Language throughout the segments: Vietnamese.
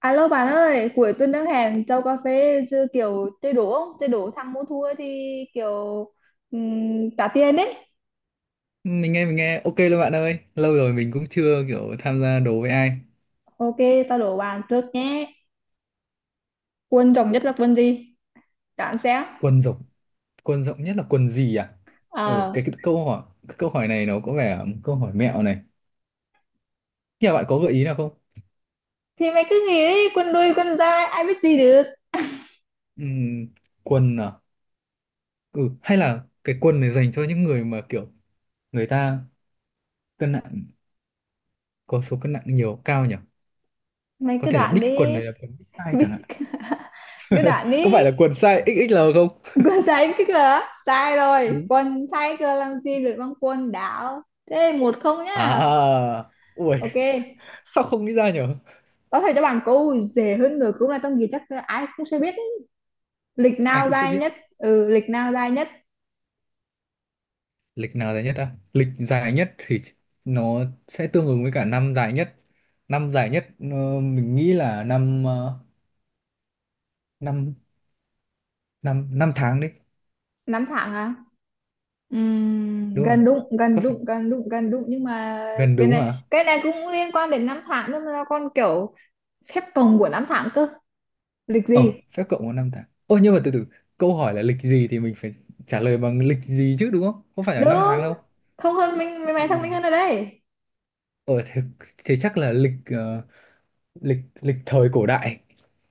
Alo bạn ơi, cuối tuần đang hẹn châu cà phê chứ kiểu chơi đố không? Chơi đố thắng mua thua thì kiểu trả tiền đấy. Mình nghe ok luôn bạn ơi, lâu rồi mình cũng chưa kiểu tham gia đố với ai. Ok, tao đố bạn trước nhé. Quân rồng nhất là quân gì? Đoán xem. Quần rộng, quần rộng nhất là quần gì à? ừ Ờ, cái, cái câu hỏi, câu hỏi này nó có vẻ là một câu hỏi mẹo này. Nhà bạn có gợi ý nào không? thì mày cứ nghĩ đi, quân đuôi, quân dài, ai biết gì được. Ừm, Quần à? Ừ, hay là cái quần này dành cho những người mà kiểu người ta cân nặng, có số cân nặng nhiều cao nhỉ. Mày Có cứ thể là đoán big, quần đi. này là quần big size Biết chẳng hạn. cứ đoán Có đi. phải là quần size XXL không? Quân sai cái cửa. Sai rồi. Đúng. Quân sai cửa làm gì được bằng quân đảo. Thế một không nhá. À, ui, Ok. sao không nghĩ ra nhỉ? Có thể cho bạn câu dễ hơn nữa cũng là trong gì chắc ai cũng sẽ biết ấy. Lịch Ai nào cũng sẽ dài biết. nhất? Ừ, lịch nào dài nhất? Lịch nào dài nhất á? Lịch dài nhất thì nó sẽ tương ứng với cả năm dài nhất. Năm dài nhất mình nghĩ là năm năm năm năm tháng đấy. Năm tháng à? Đúng rồi. Gần đúng, gần Có phải đúng, gần đúng, gần đúng, nhưng mà gần cái đúng này à? cái này cũng liên quan đến năm tháng, nhưng mà con kiểu phép cộng của năm tháng cơ. Lịch gì? Ờ, Phép cộng có năm tháng. Ôi nhưng mà từ từ, câu hỏi là lịch gì thì mình phải trả lời bằng lịch gì chứ đúng không? Không phải là năm Đúng, tháng đâu. thông hơn mình, mày mày thông Ừ. minh hơn ở đây. Ờ thế, thế chắc là lịch lịch, lịch thời cổ đại,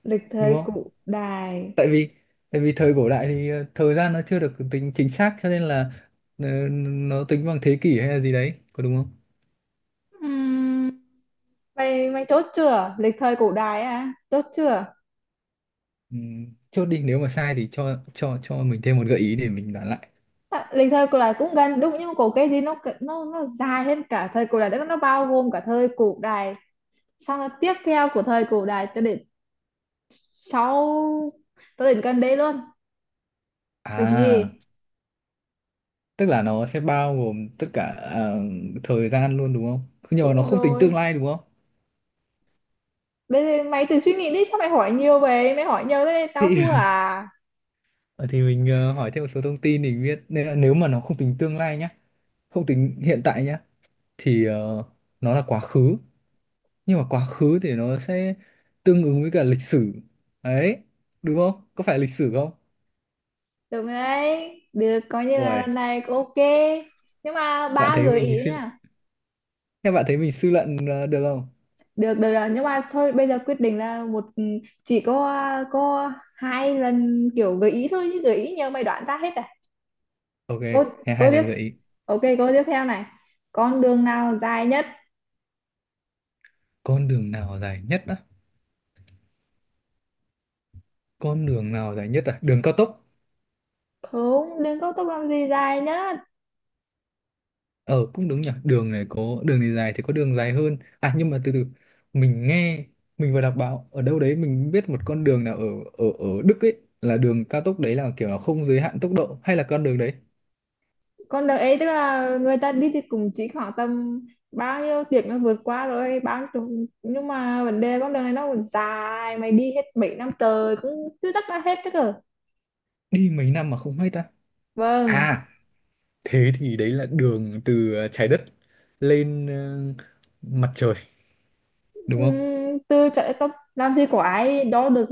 Lịch đúng thời không? cổ đại? Tại vì thời cổ đại thì thời gian nó chưa được tính chính xác cho nên là nó tính bằng thế kỷ hay là gì đấy, có đúng không? Ừm, mày mày chốt chưa? Lịch thời cổ đại à, chốt chưa? Ừ, chốt đi, nếu mà sai thì cho mình thêm một gợi ý để mình đoán lại. À, lịch thời cổ đại cũng gần đúng, nhưng mà có cái gì nó dài hơn cả thời cổ đại, tức là nó bao gồm cả thời cổ đại, xong là tiếp theo của thời cổ đại cho đến sau, cho đến gần đây luôn. Lịch À, gì? tức là nó sẽ bao gồm tất cả ờ, thời gian luôn đúng không? Nhưng mà nó Đúng không tính rồi, tương lai đúng không? đây mày tự suy nghĩ đi, sao mày hỏi nhiều vậy, mày hỏi nhiều thế tao Thì thua à? Mình hỏi thêm một số thông tin để biết, nên là nếu mà nó không tính tương lai nhá, không tính hiện tại nhá, thì nó là quá khứ. Nhưng mà quá khứ thì nó sẽ tương ứng với cả lịch sử đấy, đúng không? Có phải lịch sử không? Được rồi đấy, được coi như là Ôi, lần này cũng ok, nhưng mà bạn ba thấy gợi mình ý nha. thế bạn thấy mình suy luận được không? Được, được rồi, nhưng mà thôi bây giờ quyết định là một, chỉ có có hai lần kiểu gợi ý thôi, chứ gợi ý nhiều mày đoán ra hết à. Ok, cô thế cô hai tiếp. lần gợi ý. Ok, cô tiếp theo này. Con đường nào dài nhất? Con đường nào dài nhất á? Con đường nào dài nhất à? Đường cao tốc. Không, đường cao tốc làm gì dài nhất. Ờ cũng đúng nhỉ, đường này có đường này dài thì có đường dài hơn à, nhưng mà từ từ mình nghe, mình vừa đọc báo ở đâu đấy, mình biết một con đường nào ở ở ở Đức ấy, là đường cao tốc đấy, là kiểu là không giới hạn tốc độ hay là con đường đấy. Con đường ấy tức là người ta đi thì cũng chỉ khoảng tầm bao nhiêu tiếng nó vượt qua rồi nhưng mà vấn đề con đường này nó còn dài, mày đi hết mấy năm trời cũng chưa chắc đã hết chứ cơ. Đi mấy năm mà không hết á? Vâng. À, thế thì đấy là đường từ trái đất lên mặt trời đúng không? Từ chạy tóc làm gì có ai đó được,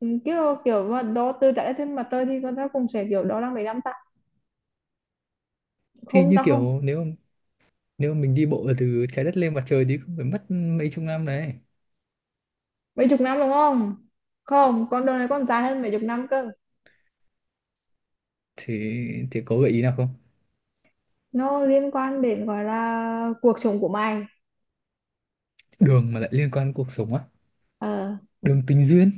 kiểu kiểu đó tư chạy trên mặt trời thì con ta cũng sẽ kiểu đó là mấy năm ta, Thì không như ta không. kiểu, nếu nếu mà mình đi bộ từ trái đất lên mặt trời thì cũng phải mất mấy chục năm đấy. Mấy chục năm đúng không? Không, con đường này còn dài hơn mấy chục năm cơ. Thì có gợi ý nào không? Nó liên quan đến gọi là cuộc sống của mày. Đường mà lại liên quan đến cuộc sống á? Ờ, Đường tình duyên.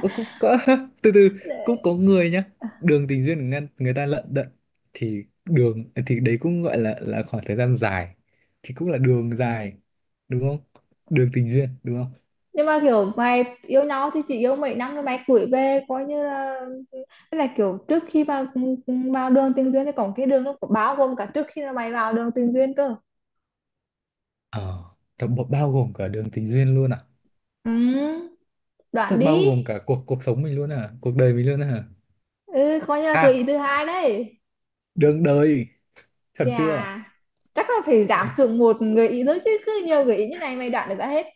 Ơ, cũng có từ từ, cũng có người nhá, đường tình duyên người, người ta lận đận, thì đường, thì đấy cũng gọi là khoảng thời gian dài, thì cũng là đường dài, đúng không? Đường tình duyên đúng không? nhưng mà kiểu mày yêu nhau thì chỉ yêu mấy năm rồi mày cưới về coi như là, tức là kiểu trước khi mà vào đường tình duyên thì còn cái đường nó có bao gồm cả trước khi mà mày vào đường tình duyên cơ. Ờ, nó bao bao gồm cả đường tình duyên luôn à? Ừ, Thế đoạn bao đi. gồm cả cuộc cuộc sống mình luôn à? Cuộc đời mình luôn à? Ừ, coi như là gợi À, ý thứ hai đấy. đường đời, chuẩn chưa? Chà, chắc là phải giảm Ờ, xuống một gợi ý nữa, chứ cứ nhiều gợi ý như này mày đoạn được ra hết.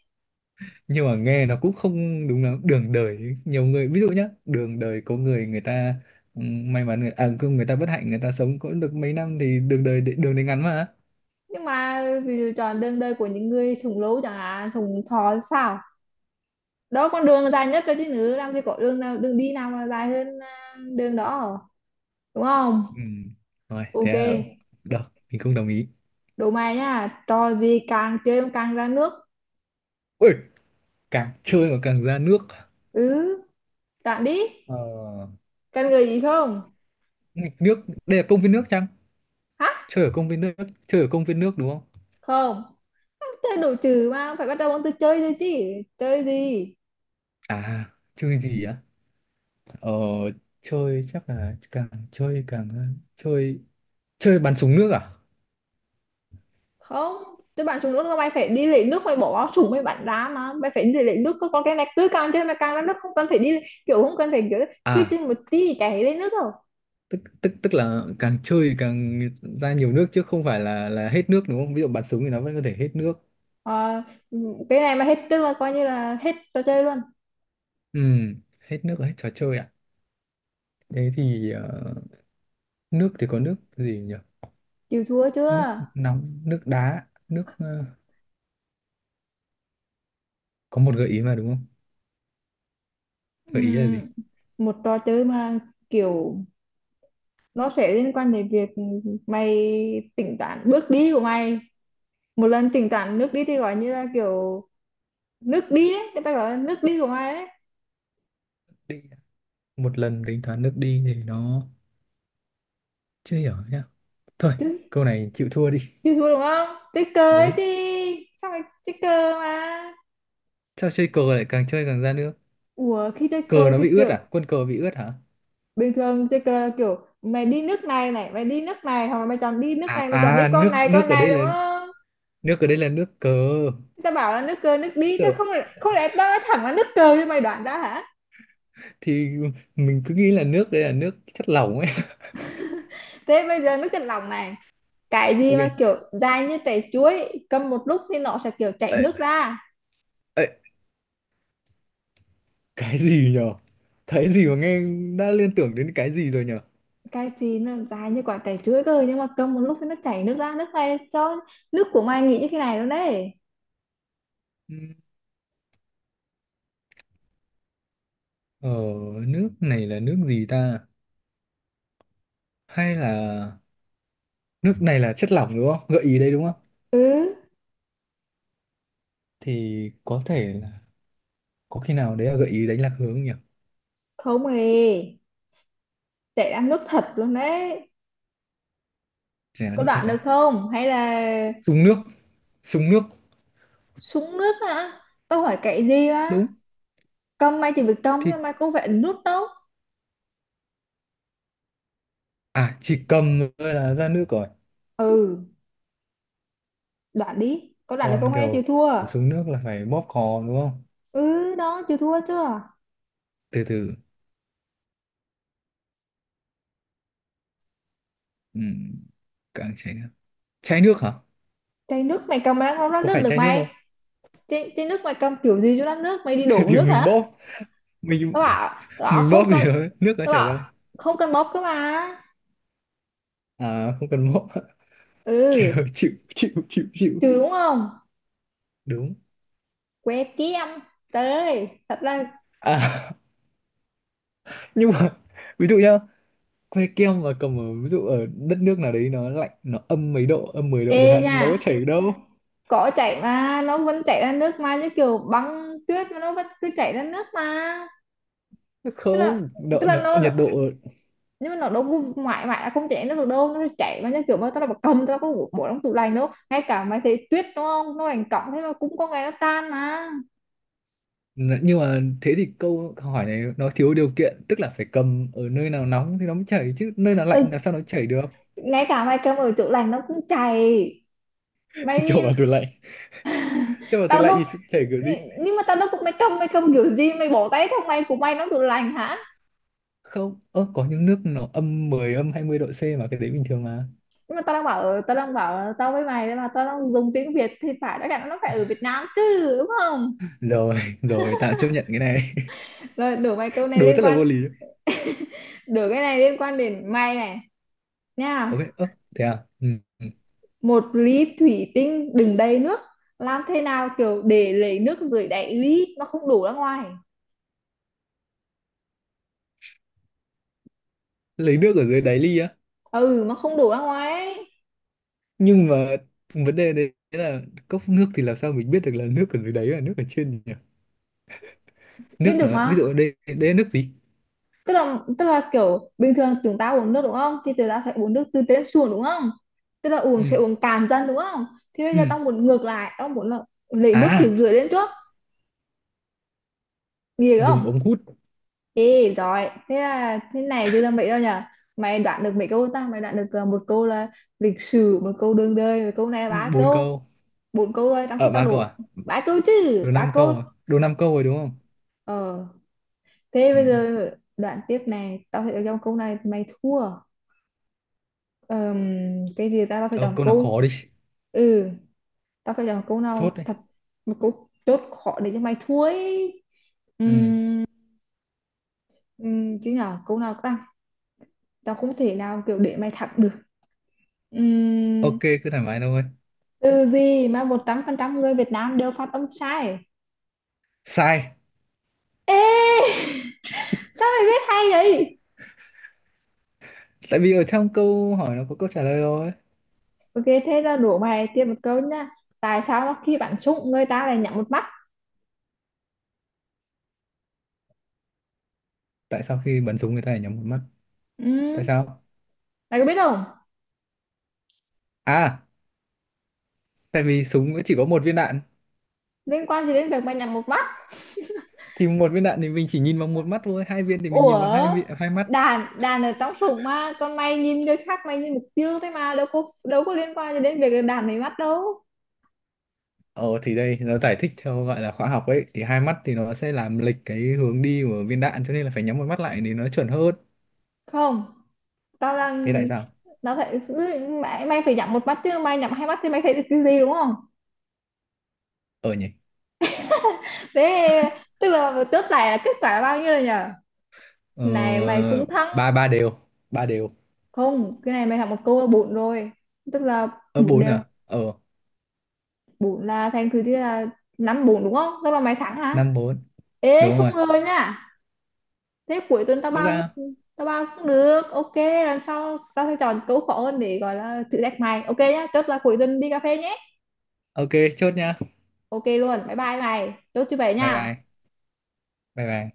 nhưng mà nghe nó cũng không đúng lắm. Đường đời, nhiều người, ví dụ nhá, đường đời có người người ta may mắn, người, à, có người ta bất hạnh, người ta sống có được mấy năm thì đường đời ngắn mà. Nhưng mà ví dụ chọn đường đời của những người sống lâu chẳng hạn, sống thọ sao, đó con đường dài nhất rồi chứ, nữa làm gì có đường nào, đường đi nào mà dài hơn đường đó, đúng không? Ừ, rồi, Ok. Ok. thế là, được, mình không đồng ý. Đố mày nha, trò gì càng chơi mà càng ra nước. Ui, càng chơi mà càng ra nước. Ừ, đoạn đi. Ờ, Cần gợi ý không? Nghịch nước, đây là công viên nước chăng? Hả? Chơi ở công viên nước, đúng không? Không, chơi đồ trừ mà phải bắt đầu bằng từ chơi thôi chứ. Chơi gì? À, chơi gì á? Ờ, Chơi chắc là càng chơi càng chơi, chơi bắn súng nước à? Không, tức bạn xuống nước là mày phải đi lấy nước, mày bỏ vào súng mày bắn ra, mà mày phải đi lấy nước cơ. Còn cái này cứ càng chơi mà càng ra nước, không cần phải đi, kiểu không cần phải kiểu cứ chơi À, một tí chảy lên nước rồi. tức tức tức là càng chơi càng ra nhiều nước chứ không phải là hết nước đúng không? Ví dụ bắn súng thì nó vẫn có thể hết nước. Ờ, cái này mà hết tức là coi như là hết trò chơi luôn. Ừ, hết nước hết trò chơi ạ. Thế thì nước thì có nước gì nhỉ? Chịu thua Nước chưa? nóng, nước đá, nước có một gợi ý mà đúng không? Gợi ý là gì? Ừm, một trò chơi mà kiểu nó sẽ liên quan đến việc mày tính toán bước đi của mày, một lần tính toán nước đi thì gọi như là kiểu nước đi đấy người ta gọi là nước đi của mày đấy Đi. Một lần tính toán nước đi thì nó chưa hiểu nhá. Thôi, chứ. câu này chịu thua đi. Hiểu hiểu đúng không? Ticker ấy Đúng. chị. Xong rồi ticker mà. Sao chơi cờ lại càng chơi càng ra nước? Ủa khi Cờ ticker nó thì bị ướt kiểu à? Quân cờ bị ướt hả? bình thường ticker là kiểu mày đi nước này này, mày đi nước này hoặc là mày chọn đi nước À này, mày chọn đi à, nước, con này đúng không? nước ở đây là nước cờ. Tao bảo là nước cờ nước đi, tao Tờ- không, không lẽ tao nói thẳng là nước cờ cho mày đoán ra hả? Thì mình cứ nghĩ là nước đây là nước chất lỏng ấy. Thế bây giờ nước chân lòng này, cái gì Ok. mà kiểu dài như trái chuối, cầm một lúc thì nó sẽ kiểu chảy Ê, nước ra. ê, cái gì nhở? Cái gì mà nghe đã liên tưởng đến cái gì rồi nhở? Cái gì nó dài như quả trái chuối cơ, nhưng mà cầm một lúc thì nó chảy nước ra, nước này cho nước của mày nghĩ như thế này luôn đấy. Ừm, Ờ, nước này là nước gì ta? Hay là nước này là chất lỏng đúng không? Gợi ý đây đúng không? Ừ. Thì có thể là, có khi nào đấy là gợi ý đánh lạc hướng nhỉ? Không hề, chạy đang nước thật luôn đấy. Chả Có nước thật đoạn được à? không hay là Súng nước, súng nước. súng nước hả? Tao hỏi cậy gì á, Đúng câm may thì việc trong thì nhưng mà có vẻ nước đâu. à, chỉ cầm thôi là ra nước rồi. Ừ, đoạn đi, có đoạn được Còn không, em chịu kiểu thua. xuống nước là phải bóp cò đúng không? Ừ đó, chịu thua chưa? Từ từ ừ. càng chảy nước, chảy nước hả? Chai nước mày cầm mà đang không ra Có nước phải được chảy nước mày, không? chai, chai nước mày cầm kiểu gì cho ra nước, mày đi đổ Thì nước mình hả? bóp, mình Tao bảo đó mình bóp không thì cần. Nước nó Tao chảy ra. bảo không cần bóp cơ mà. À không cần bóp. Kiểu Ừ. chịu chịu chịu chịu Trừ đúng không? đúng Que kiếm, tới thật ra. à. Nhưng mà ví dụ nhá, que kem mà cầm ở ví dụ ở đất nước nào đấy nó lạnh, nó âm mấy độ, âm 10 độ Ê chẳng hạn, nha, nó có chảy được đâu. cỏ chảy mà nó vẫn chảy ra nước mà, như kiểu băng tuyết mà nó vẫn cứ chảy ra nước mà. tức là Không tức độ, là nó nhiệt độ. nhưng mà nó đâu có mãi mãi là không chảy ra nước được đâu, nó chảy mà, như kiểu mà tao là một cầm tao có bộ trong tủ lạnh đâu, ngay cả mày thấy tuyết đúng không, nó lạnh cộng thế mà cũng có ngày nó tan mà. Nhưng mà thế thì câu hỏi này nó thiếu điều kiện, tức là phải cầm ở nơi nào nóng thì nó mới chảy chứ nơi nào ừ, lạnh làm sao nó chảy được. ngay cả mày cầm ở tủ lạnh nó cũng chảy, mày Cho đi. vào tủ lạnh, Tao đâu, thì chảy kiểu gì? nhưng mà tao đâu cũng mày cầm, mày cầm kiểu gì mày bỏ tay trong mày của mày nó tủ lạnh hả. Không, ơ, có những nước nó âm mười, âm 20 độ C mà, cái đấy bình thường mà. Nhưng mà tao đang bảo, tao đang bảo tao với mày đấy, mà tao đang dùng tiếng Việt thì phải đã cả nó phải ở Việt Nam chứ đúng không. Rồi, rồi tạm chấp nhận cái này. Rồi, đổi mày, câu này Đối liên rất là quan, vô lý. đổi cái này liên quan đến mày này nha. Ok, ơ, thế à. Ừ. ừ. Một ly thủy tinh đựng đầy nước, làm thế nào kiểu để lấy nước dưới đáy ly nó không đổ ra ngoài. Lấy nước ở dưới đáy ly á? Ừ, nó không đổ ra ngoài ấy. Nhưng mà vấn đề đấy là cốc nước thì làm sao mình biết được là nước ở dưới đáy là nước ở trên nhỉ? Nước Biết nó được ví dụ mà, ở đây, đây là nước gì? tức là kiểu bình thường chúng ta uống nước đúng không, thì chúng ta sẽ uống nước từ trên xuống đúng không, tức là uống Ừ, sẽ uống cạn dần đúng không. Thì bây giờ ừ tao muốn ngược lại, tao muốn là lấy nước phía à, dưới lên trước. Ghê dùng không? ống hút. Ê, giỏi. Thế là thế này chứ làm mấy đâu nhở? Mày đoán được mấy câu ta? Mày đoán được một câu là lịch sử, một câu đường đời, một câu này là ba Bốn câu, câu. bốn câu rồi, trong khi Ở, tao ba câu đủ à? ba câu chứ, Đồ năm ba câu. câu à, đồ năm câu rồi đúng không? Ờ, thế bây Ừ. giờ đoạn tiếp này, tao phải chọn câu này mày thua. Ờm, cái gì ta, tao phải Ờ, chọn câu nào câu. khó đi, Ừ, tao phải chọn câu nào chốt đi. thật một câu chốt khó để cho mày thua ấy. Ừ. Ừm, chứ nhở, câu nào ta? Tao không thể nào kiểu để mày thắng được. Ừm, Ok, cứ thoải mái thôi. từ gì mà 100% người Việt Nam đều phát âm sai. Sai. Ê, sao mày biết hay vậy. Tại vì ở trong câu hỏi nó có câu trả lời rồi. Ok, thế ra đổ bài, tiếp một câu nha. Tại sao mà khi bạn trúng người ta lại nhắm một mắt? Tại sao khi bắn súng người ta lại nhắm một mắt? Tại Ừ. sao Mày có biết không? à? Tại vì súng chỉ có một viên đạn. Liên quan gì đến việc mày nhắm một mắt? Thì một viên đạn thì mình chỉ nhìn bằng một mắt thôi, hai viên thì mình Ủa, nhìn bằng hai hai mắt. đàn đàn ở trong sủng mà còn mày nhìn người khác, mày nhìn mục tiêu thế mà đâu có, đâu có liên quan gì đến việc đàn mày mắt đâu. Ờ thì đây nó giải thích theo gọi là khoa học ấy, thì hai mắt thì nó sẽ làm lệch cái hướng đi của viên đạn cho nên là phải nhắm một mắt lại thì nó chuẩn hơn. Không, tao Thế đang, tại sao? nó phải, mày mày phải nhắm một mắt chứ, mày nhắm hai mắt thì mày thấy được cái gì đúng không. Ờ nhỉ. Thế tức là chốt lại là kết quả là bao nhiêu rồi nhở? Ờ, Này mày cũng thắng. ba, ba đều. Ba đều. Không, cái này mày học một câu là bốn rồi, tức là Ở bốn bốn đều, à? Ờ, bốn là thành thứ thì là năm bốn đúng không, tức là mày thắng hả. năm bốn. Ê Đúng không rồi. ngờ nha. Thế cuối tuần Rõ ra. Tao bao cũng được ok. Lần sau tao sẽ chọn câu khó hơn để gọi là thử thách mày, ok nhá, chốt là cuối tuần đi cà phê nhé. Ok, chốt nha. Ok luôn, bye bye mày, chốt như vậy Bye nha. bye. bye bye